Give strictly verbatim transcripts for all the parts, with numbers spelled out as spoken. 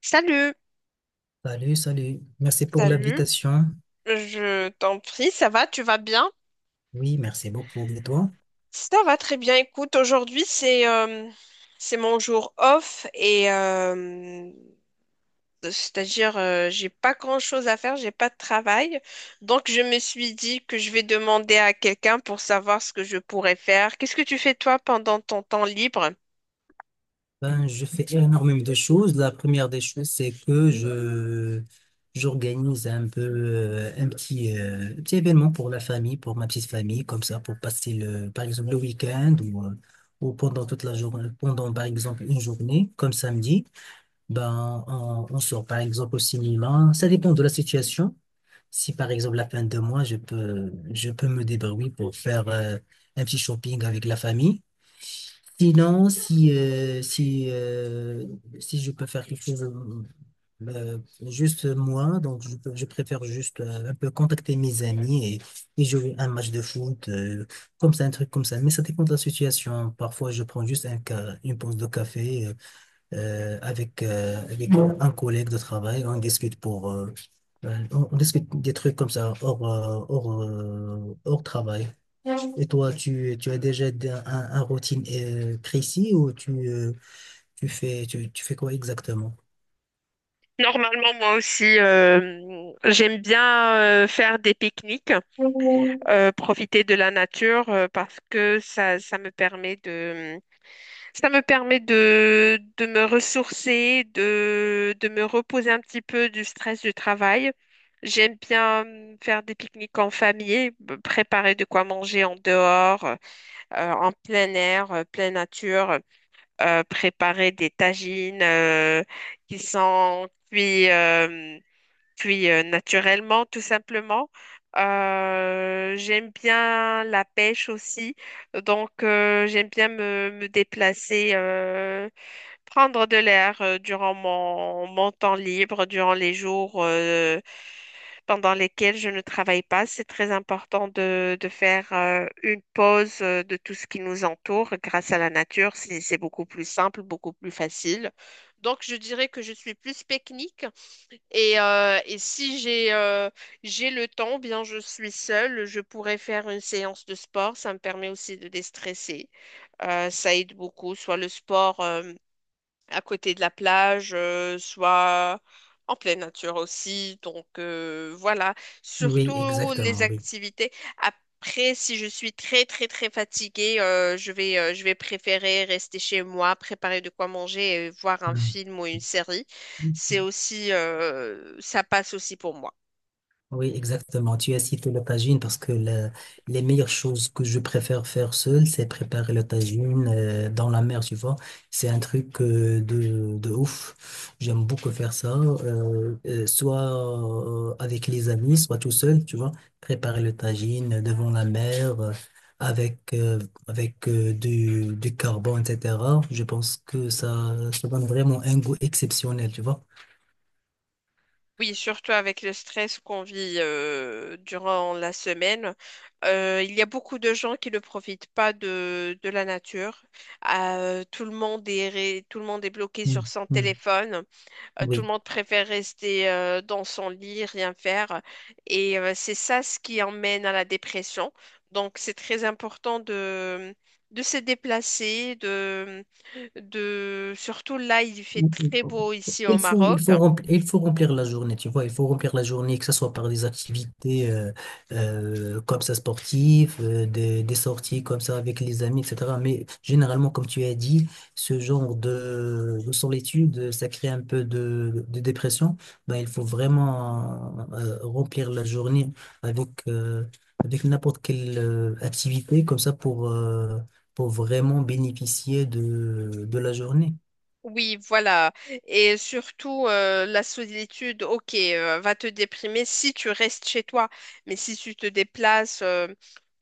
Salut, Salut, salut. Merci pour salut, l'invitation. je t'en prie, ça va, tu vas bien? Oui, merci beaucoup. Et toi? Ça va très bien, écoute, aujourd'hui c'est euh, c'est mon jour off et euh, c'est-à-dire euh, j'ai pas grand-chose à faire, j'ai pas de travail, donc je me suis dit que je vais demander à quelqu'un pour savoir ce que je pourrais faire. Qu'est-ce que tu fais toi pendant ton temps libre? Ben, je fais énormément de choses. La première des choses, c'est que je j'organise un peu euh, un petit, euh, petit événement pour la famille, pour ma petite famille, comme ça, pour passer le, par exemple, le week-end ou, euh, ou pendant toute la journée, pendant par exemple une journée, comme samedi. Ben, on, on sort par exemple au cinéma. Ça dépend de la situation. Si par exemple la fin de mois, je peux, je peux me débrouiller pour faire euh, un petit shopping avec la famille. Sinon, si, euh, si, euh, si je peux faire quelque chose euh, juste moi, donc je, peux- je préfère juste euh, un peu contacter mes amis et, et jouer un match de foot, euh, comme ça, un truc comme ça. Mais ça dépend de la situation. Parfois, je prends juste un ca- une pause de café. euh, euh, avec, euh, avec un collègue de travail. On discute pour, euh, euh, on, on discute des trucs comme ça hors, euh, hors, euh, hors travail. Et toi, tu, tu as déjà d- un, un routine euh, précis ou tu, euh, tu fais, tu, tu fais quoi exactement? Normalement, moi aussi, euh, j'aime bien euh, faire des pique-niques. Euh, profiter de la nature euh, parce que ça, ça me permet de, ça me permet de, de me ressourcer, de, de me reposer un petit peu du stress du travail. J'aime bien euh, faire des pique-niques en famille, b- préparer de quoi manger en dehors, euh, en plein air, euh, pleine nature, euh, préparer des tagines euh, qui sont cuits. Euh, puis euh, naturellement, tout simplement. Euh, j'aime bien la pêche aussi, donc euh, j'aime bien me, me déplacer, euh, prendre de l'air euh, durant mon, mon temps libre, durant les jours euh, pendant lesquels je ne travaille pas. C'est très important de, de faire euh, une pause euh, de tout ce qui nous entoure grâce à la nature. C'est, c'est beaucoup plus simple, beaucoup plus facile. Donc je dirais que je suis plus technique et, euh, et si j'ai euh, j'ai le temps, bien je suis seule, je pourrais faire une séance de sport. Ça me permet aussi de déstresser. Euh, ça aide beaucoup, soit le sport. Euh, à côté de la plage, euh, soit en pleine nature aussi. Donc euh, voilà, Oui, surtout les exactement, oui. activités. Après, si je suis très très très fatiguée, euh, je vais, euh, je vais préférer rester chez moi, préparer de quoi manger et voir un Hmm. film ou une série. C'est aussi, euh, ça passe aussi pour moi. Oui, exactement. Tu as cité le tagine parce que la- les meilleures choses que je préfère faire seul, c'est préparer le tagine euh, dans la mer, tu vois. C'est un truc euh, de, de ouf. J'aime beaucoup faire ça, euh, euh, soit euh, avec les amis, soit tout seul, tu vois. Préparer le tagine devant la mer euh, avec, euh, avec euh, du, du carbone, et cetera. Je pense que ça, ça donne vraiment un goût exceptionnel, tu vois. Oui, surtout avec le stress qu'on vit euh, durant la semaine. Euh, il y a beaucoup de gens qui ne profitent pas de, de la nature. Euh, tout le monde est, ré- tout le monde est bloqué sur Mm, son mm. téléphone. Euh, tout le Oui. monde préfère rester euh, dans son lit, rien faire. Et euh, c'est ça ce qui emmène à la dépression. Donc, c'est très important de, de se déplacer, de, de, surtout là, il fait très beau ici au Il faut, il Maroc. Faut remplir, il faut remplir la journée, tu vois, il faut remplir la journée, que ce soit par des activités euh, euh, comme ça sportives, euh, des, des sorties comme ça avec les amis, et cetera. Mais généralement, comme tu as dit, ce genre de, de solitude, ça crée un peu de, de dépression. Ben, il faut vraiment euh, remplir la journée avec, euh, avec n'importe quelle euh, activité comme ça pour, euh, pour vraiment bénéficier de, de la journée. Oui, voilà. Et surtout, euh, la solitude, ok, euh, va te déprimer si tu restes chez toi. Mais si tu te déplaces euh,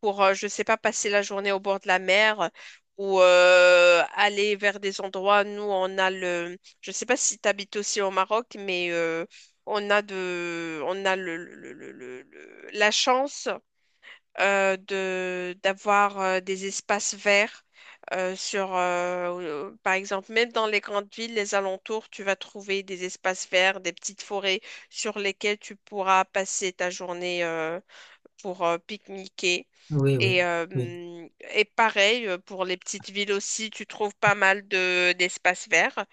pour, euh, je sais pas, passer la journée au bord de la mer ou euh, aller vers des endroits, nous, on a le... Je sais pas si tu habites aussi au Maroc, mais euh, on a de... on a le, le- le- le- le- la chance euh, de d'avoir euh, des espaces verts euh, sur, euh, euh, par exemple, même dans les grandes villes, les alentours, tu vas trouver des espaces verts, des petites forêts sur lesquelles tu pourras passer ta journée euh, pour euh, pique-niquer. Oui, oui. Et, euh, oui. hum, et pareil, euh, pour les petites villes aussi, tu trouves pas mal de d'espaces verts.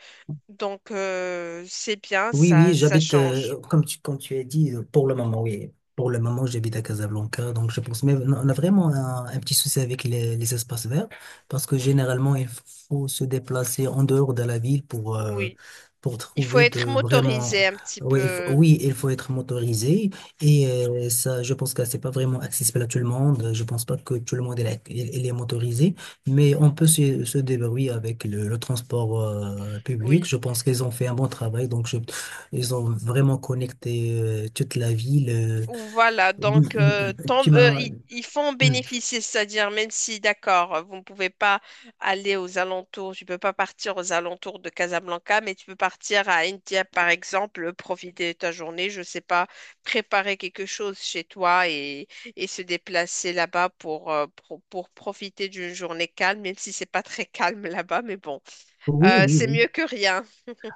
Donc, euh, c'est bien, Oui, oui, ça, ça j'habite, change. euh, comme tu, comme tu as dit, euh, pour le moment, oui. Pour le moment, j'habite à Casablanca, donc je pense, mais on a on a vraiment un, un petit souci avec les, les espaces verts, parce que généralement, il faut se déplacer en dehors de la ville pour, euh, Oui, pour il faut trouver de être vraiment, motorisé un petit oui, il faut, peu. oui, il faut être motorisé, et euh, ça, je pense que c'est pas vraiment accessible à tout le monde, je pense pas que tout le monde est, là- il- il est motorisé, mais on peut se, se débrouiller avec le, le transport euh, public, Oui. je pense qu'ils ont fait un bon travail, donc je ils ont vraiment connecté euh, toute la ville. Euh, Voilà, mm, donc euh, mm, mm. tant- tu euh, m'as. ils, ils font Mm. bénéficier, c'est-à-dire même si, d'accord, vous ne pouvez pas aller aux alentours, tu peux pas partir aux alentours de Casablanca, mais tu peux partir à India, par exemple, profiter de ta journée, je sais pas, préparer quelque chose chez toi et, et se déplacer là-bas pour, euh, pro- pour profiter d'une journée calme, même si c'est pas très calme là-bas, mais bon, Oui, euh, oui, c'est oui. mieux que rien,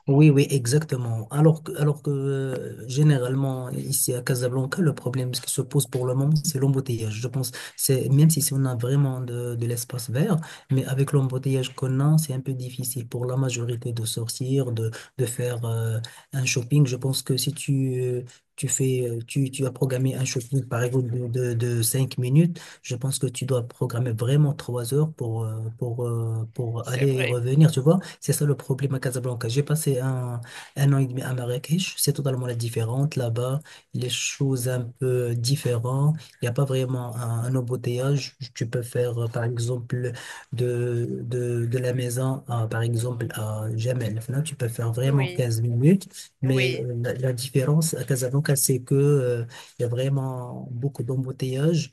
Oui, oui, exactement. Alors que, alors que euh, généralement, ici à Casablanca, le problème qui se pose pour le moment, c'est l'embouteillage. Je pense, c'est, même si, si on a vraiment de, de l'espace vert, mais avec l'embouteillage qu'on a, c'est un peu difficile pour la majorité de sortir, de, de faire euh, un shopping. Je pense que si tu, euh, tu fais, euh, tu, tu as programmé un shopping, par exemple, de, de, de cinq minutes, je pense que tu dois programmer vraiment trois heures pour, euh, pour, euh, pour c'est aller et vrai. revenir, tu vois? C'est ça le problème à Casablanca. J'ai passé un, un an et demi à Marrakech. C'est totalement la différente. Là-bas, les choses un peu différentes. Il n'y a pas vraiment un, un embouteillage. Tu peux faire, euh, par exemple, de, de, de la maison, à, par exemple, à Jamel. Enfin, là, tu peux faire vraiment Oui, quinze minutes. Mais oui, euh, la, la différence à Casablanca, c'est que, euh, il y a vraiment beaucoup d'embouteillages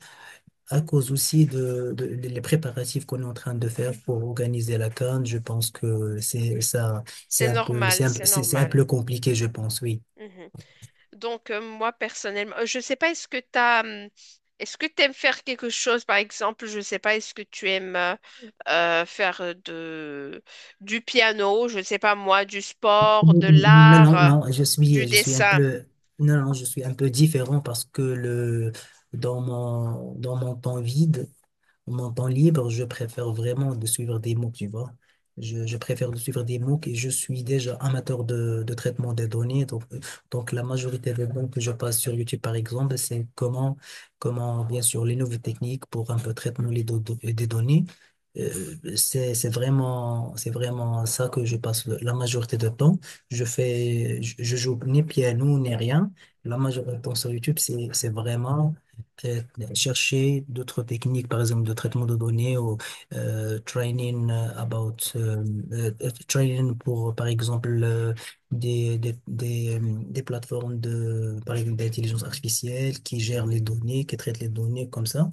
à cause aussi de, de- les préparatifs qu'on est en train de faire pour organiser la CAN, je pense que c'est ça, c'est c'est un peu, normal, c'est un, peu- c'est c'est c'est un normal. peu compliqué, je pense, oui. Mhm. Donc, euh, moi, personnellement, euh, je sais pas, est-ce que t'as, hum, est-ce que t'aimes faire quelque chose, par exemple, je sais pas, est-ce que tu aimes euh, euh, faire euh, de, du piano, je sais pas moi, du sport, Non, de l'art, non, euh, non, je du suis, je suis un dessin? peu, non, non, je suis un peu différent parce que le, dans mon, dans mon temps vide, mon temps libre, je préfère vraiment de suivre des MOOC, tu vois. Je, je préfère de suivre des MOOC et je suis déjà amateur de, de traitement des données. Donc, euh, donc la majorité des MOOC que je passe sur YouTube, par exemple, c'est comment, comment, bien sûr, les nouvelles techniques pour un peu traitement les do- do- euh, des données. Euh, c'est, c'est vraiment, c'est vraiment ça que je passe le- la majorité de temps. Je fais, je, je joue ni piano ni rien. La majorité de temps sur YouTube, c'est, c'est vraiment euh, chercher d'autres techniques, par exemple de traitement de données ou euh, training euh, about euh, euh, euh, training pour par exemple euh, des, des, des, euh, des plateformes de par exemple d'intelligence artificielle qui gèrent les données, qui traitent les données comme ça.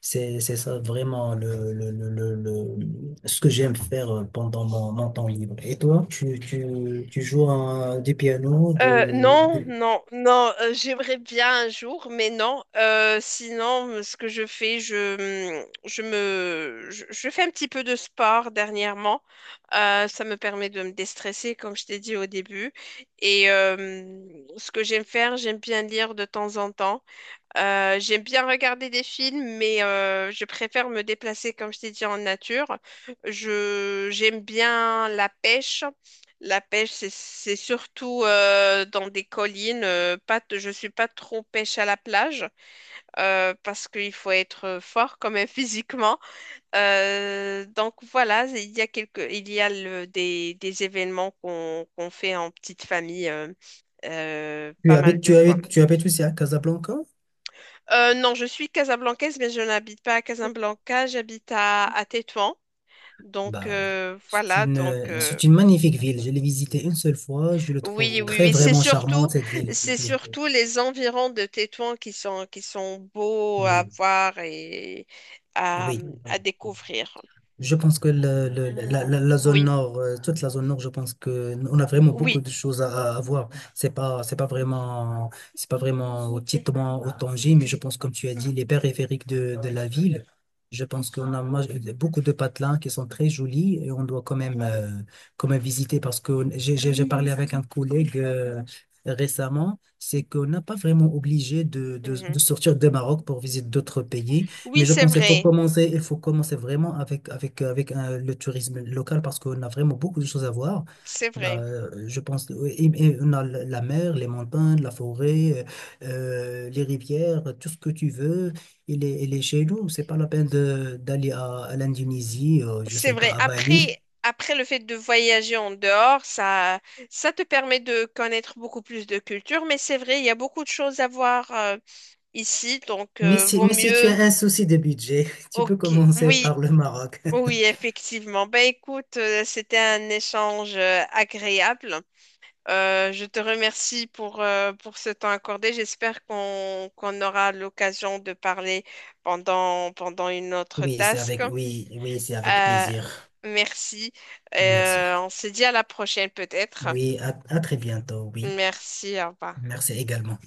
C'est c'est ça vraiment le, le, le, le, le- ce que j'aime faire pendant mon, mon temps libre. Et toi, tu, tu, tu joues un- du piano, Euh, de, non, de- non, non, euh, j'aimerais bien un jour, mais non. Euh, sinon, euh, ce que je fais, je, mm, je me, je, je fais un petit peu de sport dernièrement. Euh, ça me permet de me déstresser, comme je t'ai dit au début. Et euh, mm, ce que j'aime faire, j'aime bien lire de temps en temps. Euh, j'aime bien regarder des films, mais euh, je préfère me déplacer, comme je t'ai dit, en nature. Je, j'aime bien la pêche. La pêche, c'est, c'est surtout euh, dans des collines. Euh, pas, t- Je suis pas trop pêche à la plage euh, parce qu'il faut être fort quand même physiquement. Euh, donc voilà, il y a quelques, il y a le- des, des événements qu'on qu'on fait en petite famille euh, euh, tu pas habites mal de tu fois. habites tu habites aussi à Casablanca? Euh, non, je suis casablancaise, mais je n'habite pas à Casablanca, j'habite à, à Tétouan. Donc Bah, euh, c'est voilà, une, donc euh, euh, c'est une magnifique ville. Je l'ai visitée une seule fois. Je le oui, trouve oui, très oui, c'est vraiment surtout, charmante, cette ville. c'est Oui, surtout les environs de Tétouan qui sont, qui sont beaux à oui, voir et à, oui. à découvrir. Je pense que le- le- la, la- la zone Oui, nord, euh, toute la zone nord, je pense que n- on a vraiment beaucoup oui, de choses à, à voir. C'est pas, c'est pas vraiment, c'est pas vraiment au Tétouan, au Tanger, mais je pense, comme tu as dit, les périphériques de, de la ville. Je pense qu'on a ma- beaucoup de patelins qui sont très jolis et on doit quand même, euh, quand même visiter parce que j'ai j'ai- j'ai parlé avec un collègue euh, récemment, c'est qu'on n'a pas vraiment obligé de, de, mhm. de sortir de Maroc pour visiter d'autres pays. Oui, Mais je c'est pense qu'il faut vrai, commencer, il faut commencer vraiment avec, avec, avec euh, le tourisme local parce qu'on a vraiment beaucoup de choses à voir. c'est Bah, vrai, euh, je pense, oui, et- et on a la la mer, les montagnes, la forêt, euh, euh, les rivières, tout ce que tu veux, il est, il est chez nous. C'est pas la peine de- d'aller à, à l'Indonésie, euh, je c'est sais pas, vrai. à Après, Bali. après le fait de voyager en dehors, ça, ça te permet de connaître beaucoup plus de culture, mais c'est vrai, il y a beaucoup de choses à voir. Euh, ici, donc Mais euh, si, vaut mais si tu as mieux. un souci de budget, tu peux Ok, commencer oui, par le Maroc. oui, effectivement. Ben écoute, euh, c'était un échange euh, agréable. Euh, je te remercie pour, euh, pour ce temps accordé. J'espère qu'on qu'on aura l'occasion de parler pendant, pendant une autre Oui, c'est task. avec, oui, oui, c'est avec Euh, plaisir. merci. Merci. Euh, on se dit à la prochaine peut-être. Oui, à à très bientôt, oui. Merci, au revoir. Merci également.